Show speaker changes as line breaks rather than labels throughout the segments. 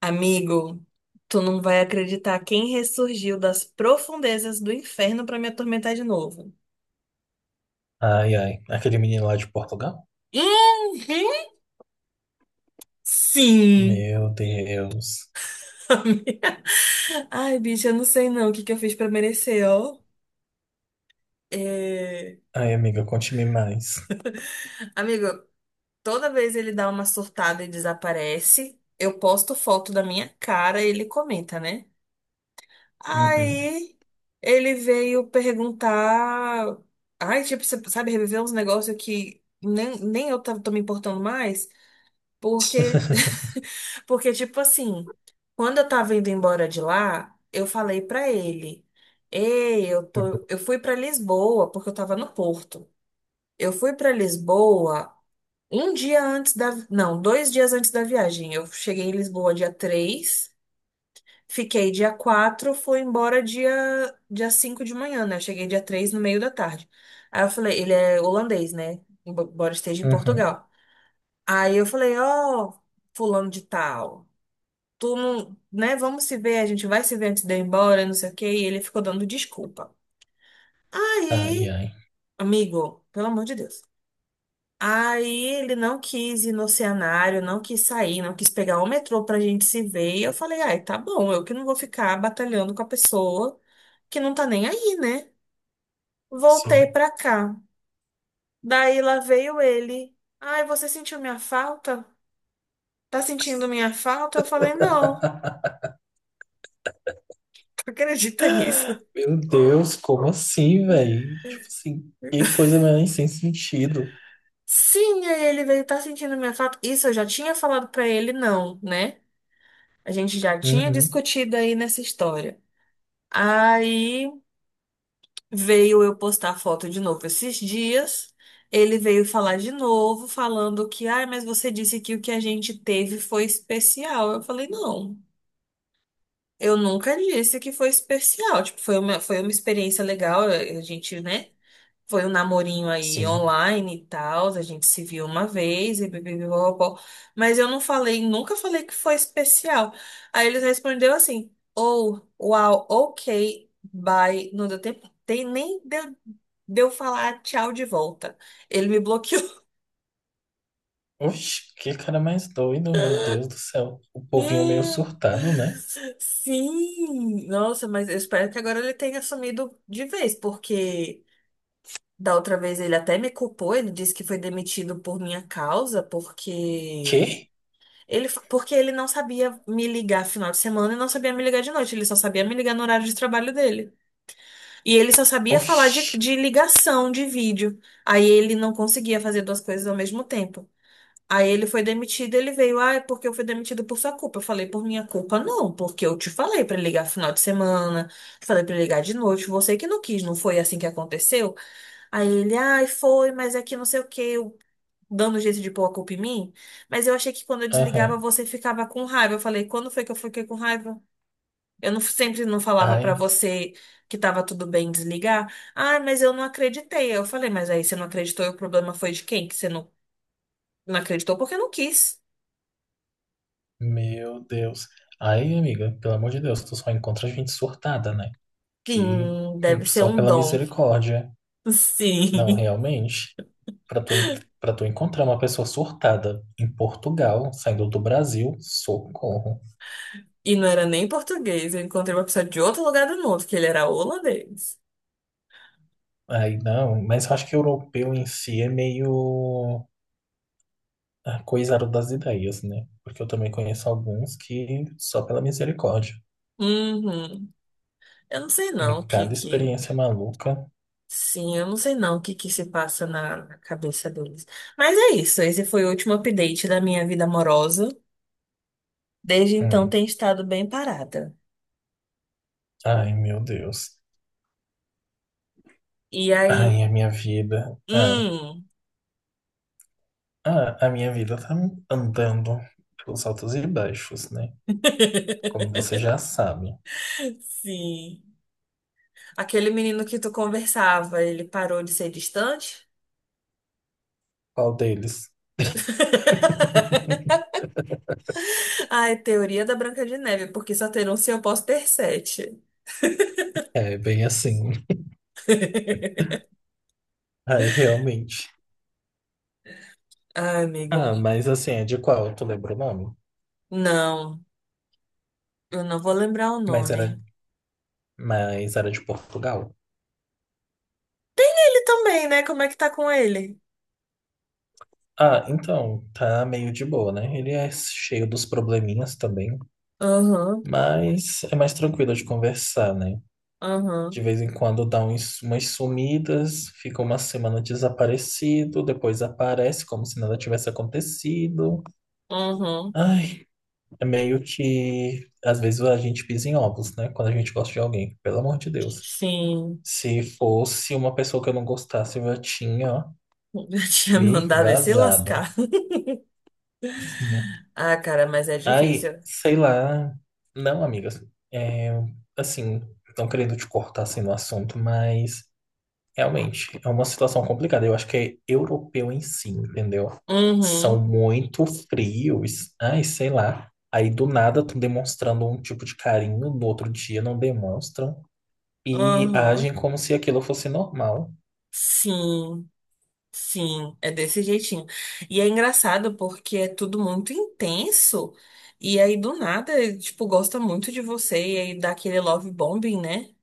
Amigo, tu não vai acreditar quem ressurgiu das profundezas do inferno pra me atormentar de novo.
Ai, ai. Aquele menino lá de Portugal?
Uhum, sim.
Meu Deus.
Ai, bicho, eu não sei não o que que eu fiz pra merecer, ó. É.
Ai, amiga, conte-me mais.
Amigo, toda vez ele dá uma surtada e desaparece, eu posto foto da minha cara e ele comenta, né?
Uhum.
Aí ele veio perguntar. Ai, tipo, você sabe, reviver uns negócios que nem tô me importando mais. Porque, porque, tipo assim, quando eu tava indo embora de lá, eu falei pra ele: Ei, eu fui pra Lisboa, porque eu tava no Porto. Eu fui pra Lisboa um dia antes da. Não, 2 dias antes da viagem. Eu cheguei em Lisboa dia 3. Fiquei dia 4, fui embora dia 5 de manhã, né? Eu cheguei dia 3 no meio da tarde. Aí eu falei, ele é holandês, né? Embora esteja em
Uhum.
Portugal. Aí eu falei, ó, fulano de tal, tu não, né? Vamos se ver, a gente vai se ver antes de eu ir embora, não sei o quê. E ele ficou dando desculpa.
Ai,
Aí,
ai.
amigo, pelo amor de Deus. Aí ele não quis ir no cenário, não quis sair, não quis pegar o metrô pra gente se ver. E eu falei, ai, tá bom, eu que não vou ficar batalhando com a pessoa que não tá nem aí, né?
Sim.
Voltei pra cá. Daí lá veio ele. Ai, você sentiu minha falta? Tá sentindo minha falta? Eu falei, não, tu acredita nisso?
Meu Deus, como assim, velho? Tipo assim, que coisa mais sem sentido.
Sim, aí ele veio, tá sentindo minha falta? Isso eu já tinha falado pra ele, não, né? A gente já tinha
Uhum.
discutido aí nessa história. Aí veio eu postar a foto de novo esses dias. Ele veio falar de novo, falando que, ai, mas você disse que o que a gente teve foi especial. Eu falei, não. Eu nunca disse que foi especial. Tipo, foi uma experiência legal. A gente, né? Foi um namorinho aí
Sim.
online e tal. A gente se viu uma vez e bibibibobó. Mas eu não falei, nunca falei que foi especial. Aí eles respondeu assim: Oh, uau, ok, bye. Não deu tempo, nem deu falar tchau de volta. Ele me bloqueou.
Oxe, que cara mais doido, meu Deus do céu. O povinho meio surtado, né?
Sim, nossa, mas eu espero que agora ele tenha assumido de vez, porque. Da outra vez ele até me culpou, ele disse que foi demitido por minha causa, porque
Que?
ele, porque ele não sabia me ligar final de semana e não sabia me ligar de noite, ele só sabia me ligar no horário de trabalho dele. E ele só sabia falar de,
Oxe.
de ligação, de vídeo. Aí ele não conseguia fazer duas coisas ao mesmo tempo. Aí ele foi demitido, ele veio, ah, é porque eu fui demitido por sua culpa. Eu falei, por minha culpa não, porque eu te falei pra ligar final de semana, te falei pra ligar de noite, você que não quis, não foi assim que aconteceu? Aí ele, ai, foi, mas é que não sei o quê, eu dando jeito de pôr a culpa em mim. Mas eu achei que quando eu desligava
Aham.
você ficava com raiva. Eu falei, quando foi que eu fiquei com raiva? Eu não, sempre não falava pra
Ai,
você que tava tudo bem desligar. Ai, mas eu não acreditei. Eu falei, mas aí você não acreditou e o problema foi de quem? Que você não, não acreditou porque não quis.
meu Deus. Ai, amiga, pelo amor de Deus, tu só encontra gente surtada, né? Que
Sim, deve ser
só
um
pela
dom.
misericórdia. Não,
Sim.
realmente. Para tu, pra tu encontrar uma pessoa surtada em Portugal, saindo do Brasil, socorro.
E não era nem português. Eu encontrei uma pessoa de outro lugar do mundo, que ele era holandês.
Aí não, mas eu acho que europeu em si é meio ah, coisado das ideias, né? Porque eu também conheço alguns que só pela misericórdia.
Uhum. Eu não sei
E
não o
cada
que que.
experiência maluca.
Sim, eu não sei não o que que se passa na cabeça deles. Mas é isso, esse foi o último update da minha vida amorosa. Desde então
Hum.
tem estado bem parada.
Ai, meu Deus.
E aí,
Ai, a minha vida. Ah,
hum,
ah, a minha vida tá andando pelos altos e baixos, né? Como você já sabe.
sim. Aquele menino que tu conversava, ele parou de ser distante?
Qual deles?
Ai, teoria da Branca de Neve, porque só ter um se eu posso ter sete.
É bem assim. Aí realmente.
Ai, amigo,
Ah, mas assim, é de qual? Tu lembra o nome?
não, eu não vou lembrar o
Mas era,
nome.
mas era de Portugal.
Ele também, né? Como é que tá com ele?
Ah, então, tá meio de boa, né? Ele é cheio dos probleminhas também,
Aham,
mas é mais tranquilo de conversar, né? De
aham,
vez em quando dá umas sumidas, fica uma semana desaparecido, depois aparece como se nada tivesse acontecido.
aham.
Ai, é meio que às vezes a gente pisa em ovos, né? Quando a gente gosta de alguém, pelo amor de Deus.
Sim,
Se fosse uma pessoa que eu não gostasse, eu já tinha
eu tinha
me
mandado ele se
vazado.
lascar.
Assim, né?
Ah, cara, mas é
Aí,
difícil.
sei lá. Não, amigas. É, assim, não querendo te cortar assim no assunto, mas realmente, é uma situação complicada. Eu acho que é europeu em si, entendeu? São
Uhum,
muito frios. Ai, sei lá. Aí do nada estão demonstrando um tipo de carinho, no outro dia não demonstram e
uhum.
agem como se aquilo fosse normal.
Sim, sim, é desse jeitinho. E é engraçado porque é tudo muito intenso. E aí, do nada, ele, tipo, gosta muito de você. E aí dá aquele love bombing, né?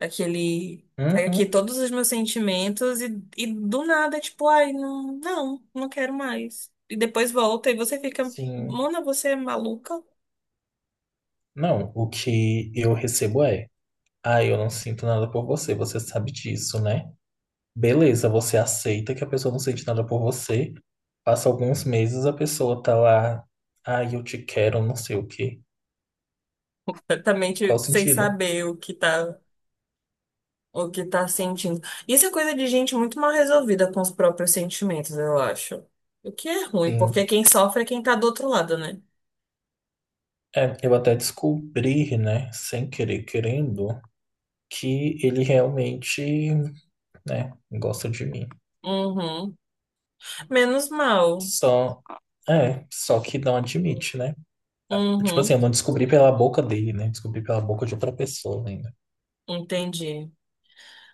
Aquele. Pega aqui
Uhum,
todos os meus sentimentos e do nada, tipo, ai, não, não, não quero mais. E depois volta e você fica,
sim.
Mona, você é maluca?
Não, o que eu recebo é: ah, eu não sinto nada por você, você sabe disso, né? Beleza, você aceita que a pessoa não sente nada por você. Passa alguns meses, a pessoa tá lá. Ai, eu te quero, não sei o quê. Qual o
Completamente sem
sentido?
saber o que tá sentindo. Isso é coisa de gente muito mal resolvida com os próprios sentimentos, eu acho. O que é ruim, porque
Sim.
quem sofre é quem tá do outro lado, né?
É, eu até descobri, né, sem querer querendo, que ele realmente, né, gosta de mim.
Uhum. Menos mal.
Só, é, só que não admite, né? Tipo assim,
Uhum.
eu não descobri pela boca dele, né? Descobri pela boca de outra pessoa ainda.
Entendi.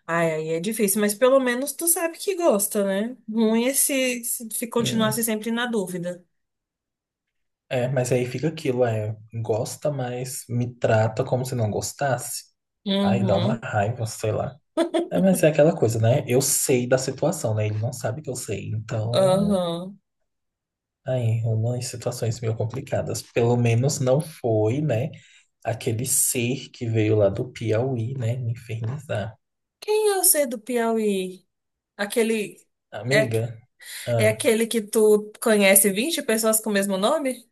Ai, aí é difícil, mas pelo menos tu sabe que gosta, né? Ruim é se continuasse
Sim.
sempre na dúvida.
É, mas aí fica aquilo, é, gosta, mas me trata como se não gostasse. Aí dá uma
Uhum.
raiva, sei lá. É, mas é aquela coisa, né? Eu sei da situação, né? Ele não sabe que eu sei, então
Aham.
ai, Roma, em situações meio complicadas. Pelo menos não foi, né? Aquele ser que veio lá do Piauí, né? Me infernizar.
Quem é o C do Piauí? Aquele. É,
Amiga?
é
Ah,
aquele que tu conhece 20 pessoas com o mesmo nome?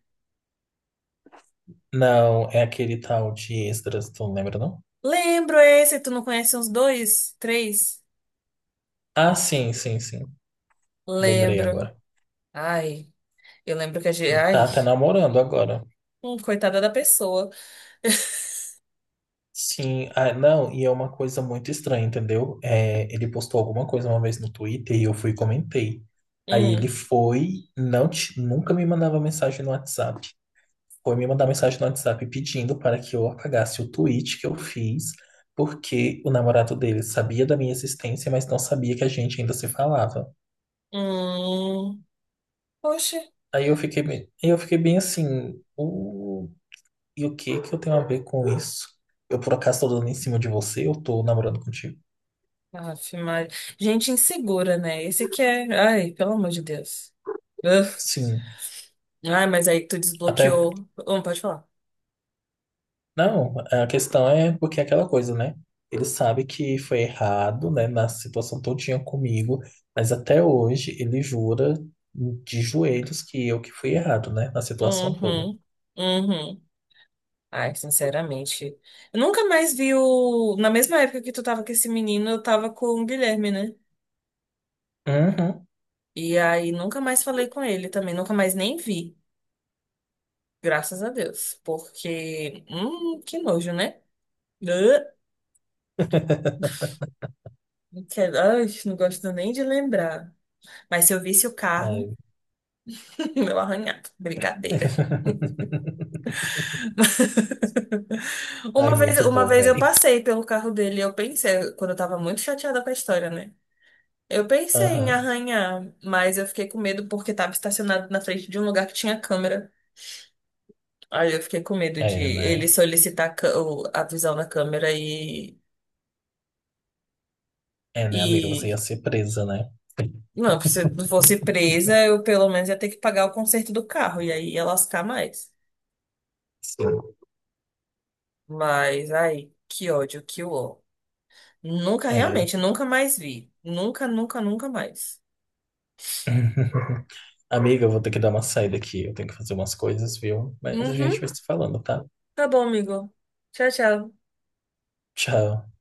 não, é aquele tal de Esdras, tu não lembra, não?
Lembro esse, tu não conhece uns dois, três?
Ah, sim, sim, sim. Lembrei
Lembro.
agora.
Ai, eu lembro que a gente.
Tá
Ai,
até namorando agora.
coitada da pessoa.
Sim, ah, não, e é uma coisa muito estranha, entendeu? É, ele postou alguma coisa uma vez no Twitter e eu fui e comentei. Aí ele
Hum,
foi, não, nunca me mandava mensagem no WhatsApp. Foi me mandar mensagem no WhatsApp pedindo para que eu apagasse o tweet que eu fiz, porque o namorado dele sabia da minha existência, mas não sabia que a gente ainda se falava.
hum. Oxe.
Aí eu fiquei bem assim, e o que que eu tenho a ver com isso? Eu por acaso tô dando em cima de você? Eu tô namorando contigo?
Aff, Maria. Gente insegura, né? Esse aqui é. Ai, pelo amor de Deus. Ugh.
Sim.
Ai, mas aí tu
Até
desbloqueou. Pode falar.
não, a questão é porque é aquela coisa, né? Ele sabe que foi errado, né, na situação todinha comigo, mas até hoje ele jura de joelhos que eu que fui errado, né, na situação toda.
Uhum, uhum. Ai, sinceramente. Eu nunca mais vi o. Na mesma época que tu tava com esse menino, eu tava com o Guilherme, né?
Uhum.
E aí nunca mais falei com ele também, nunca mais nem vi. Graças a Deus. Porque. Que nojo, né? Ah, Ai, não gosto nem de lembrar. Mas se eu visse o carro,
Ai.
meu arranhado. Brincadeira.
Ai,
Uma vez,
muito
uma
bom,
vez eu
velho.
passei pelo carro dele e eu pensei, quando eu tava muito chateada com a história, né? Eu pensei em
Aham.
arranhar, mas eu fiquei com medo porque estava estacionado na frente de um lugar que tinha câmera. Aí eu fiquei com medo de
É,
ele
né?
solicitar a visão da câmera
É, né, amiga? Você ia
e...
ser presa, né?
Não, se eu fosse presa, eu pelo menos ia ter que pagar o conserto do carro, e aí ia lascar mais.
Sim.
Mas, ai, que ódio, que ó. Nunca,
É.
realmente, nunca mais vi. Nunca, nunca, nunca mais.
Amiga, eu vou ter que dar uma saída aqui. Eu tenho que fazer umas coisas, viu? Mas a
Uhum,
gente vai se falando, tá?
tá bom, amigo. Tchau, tchau.
Tchau.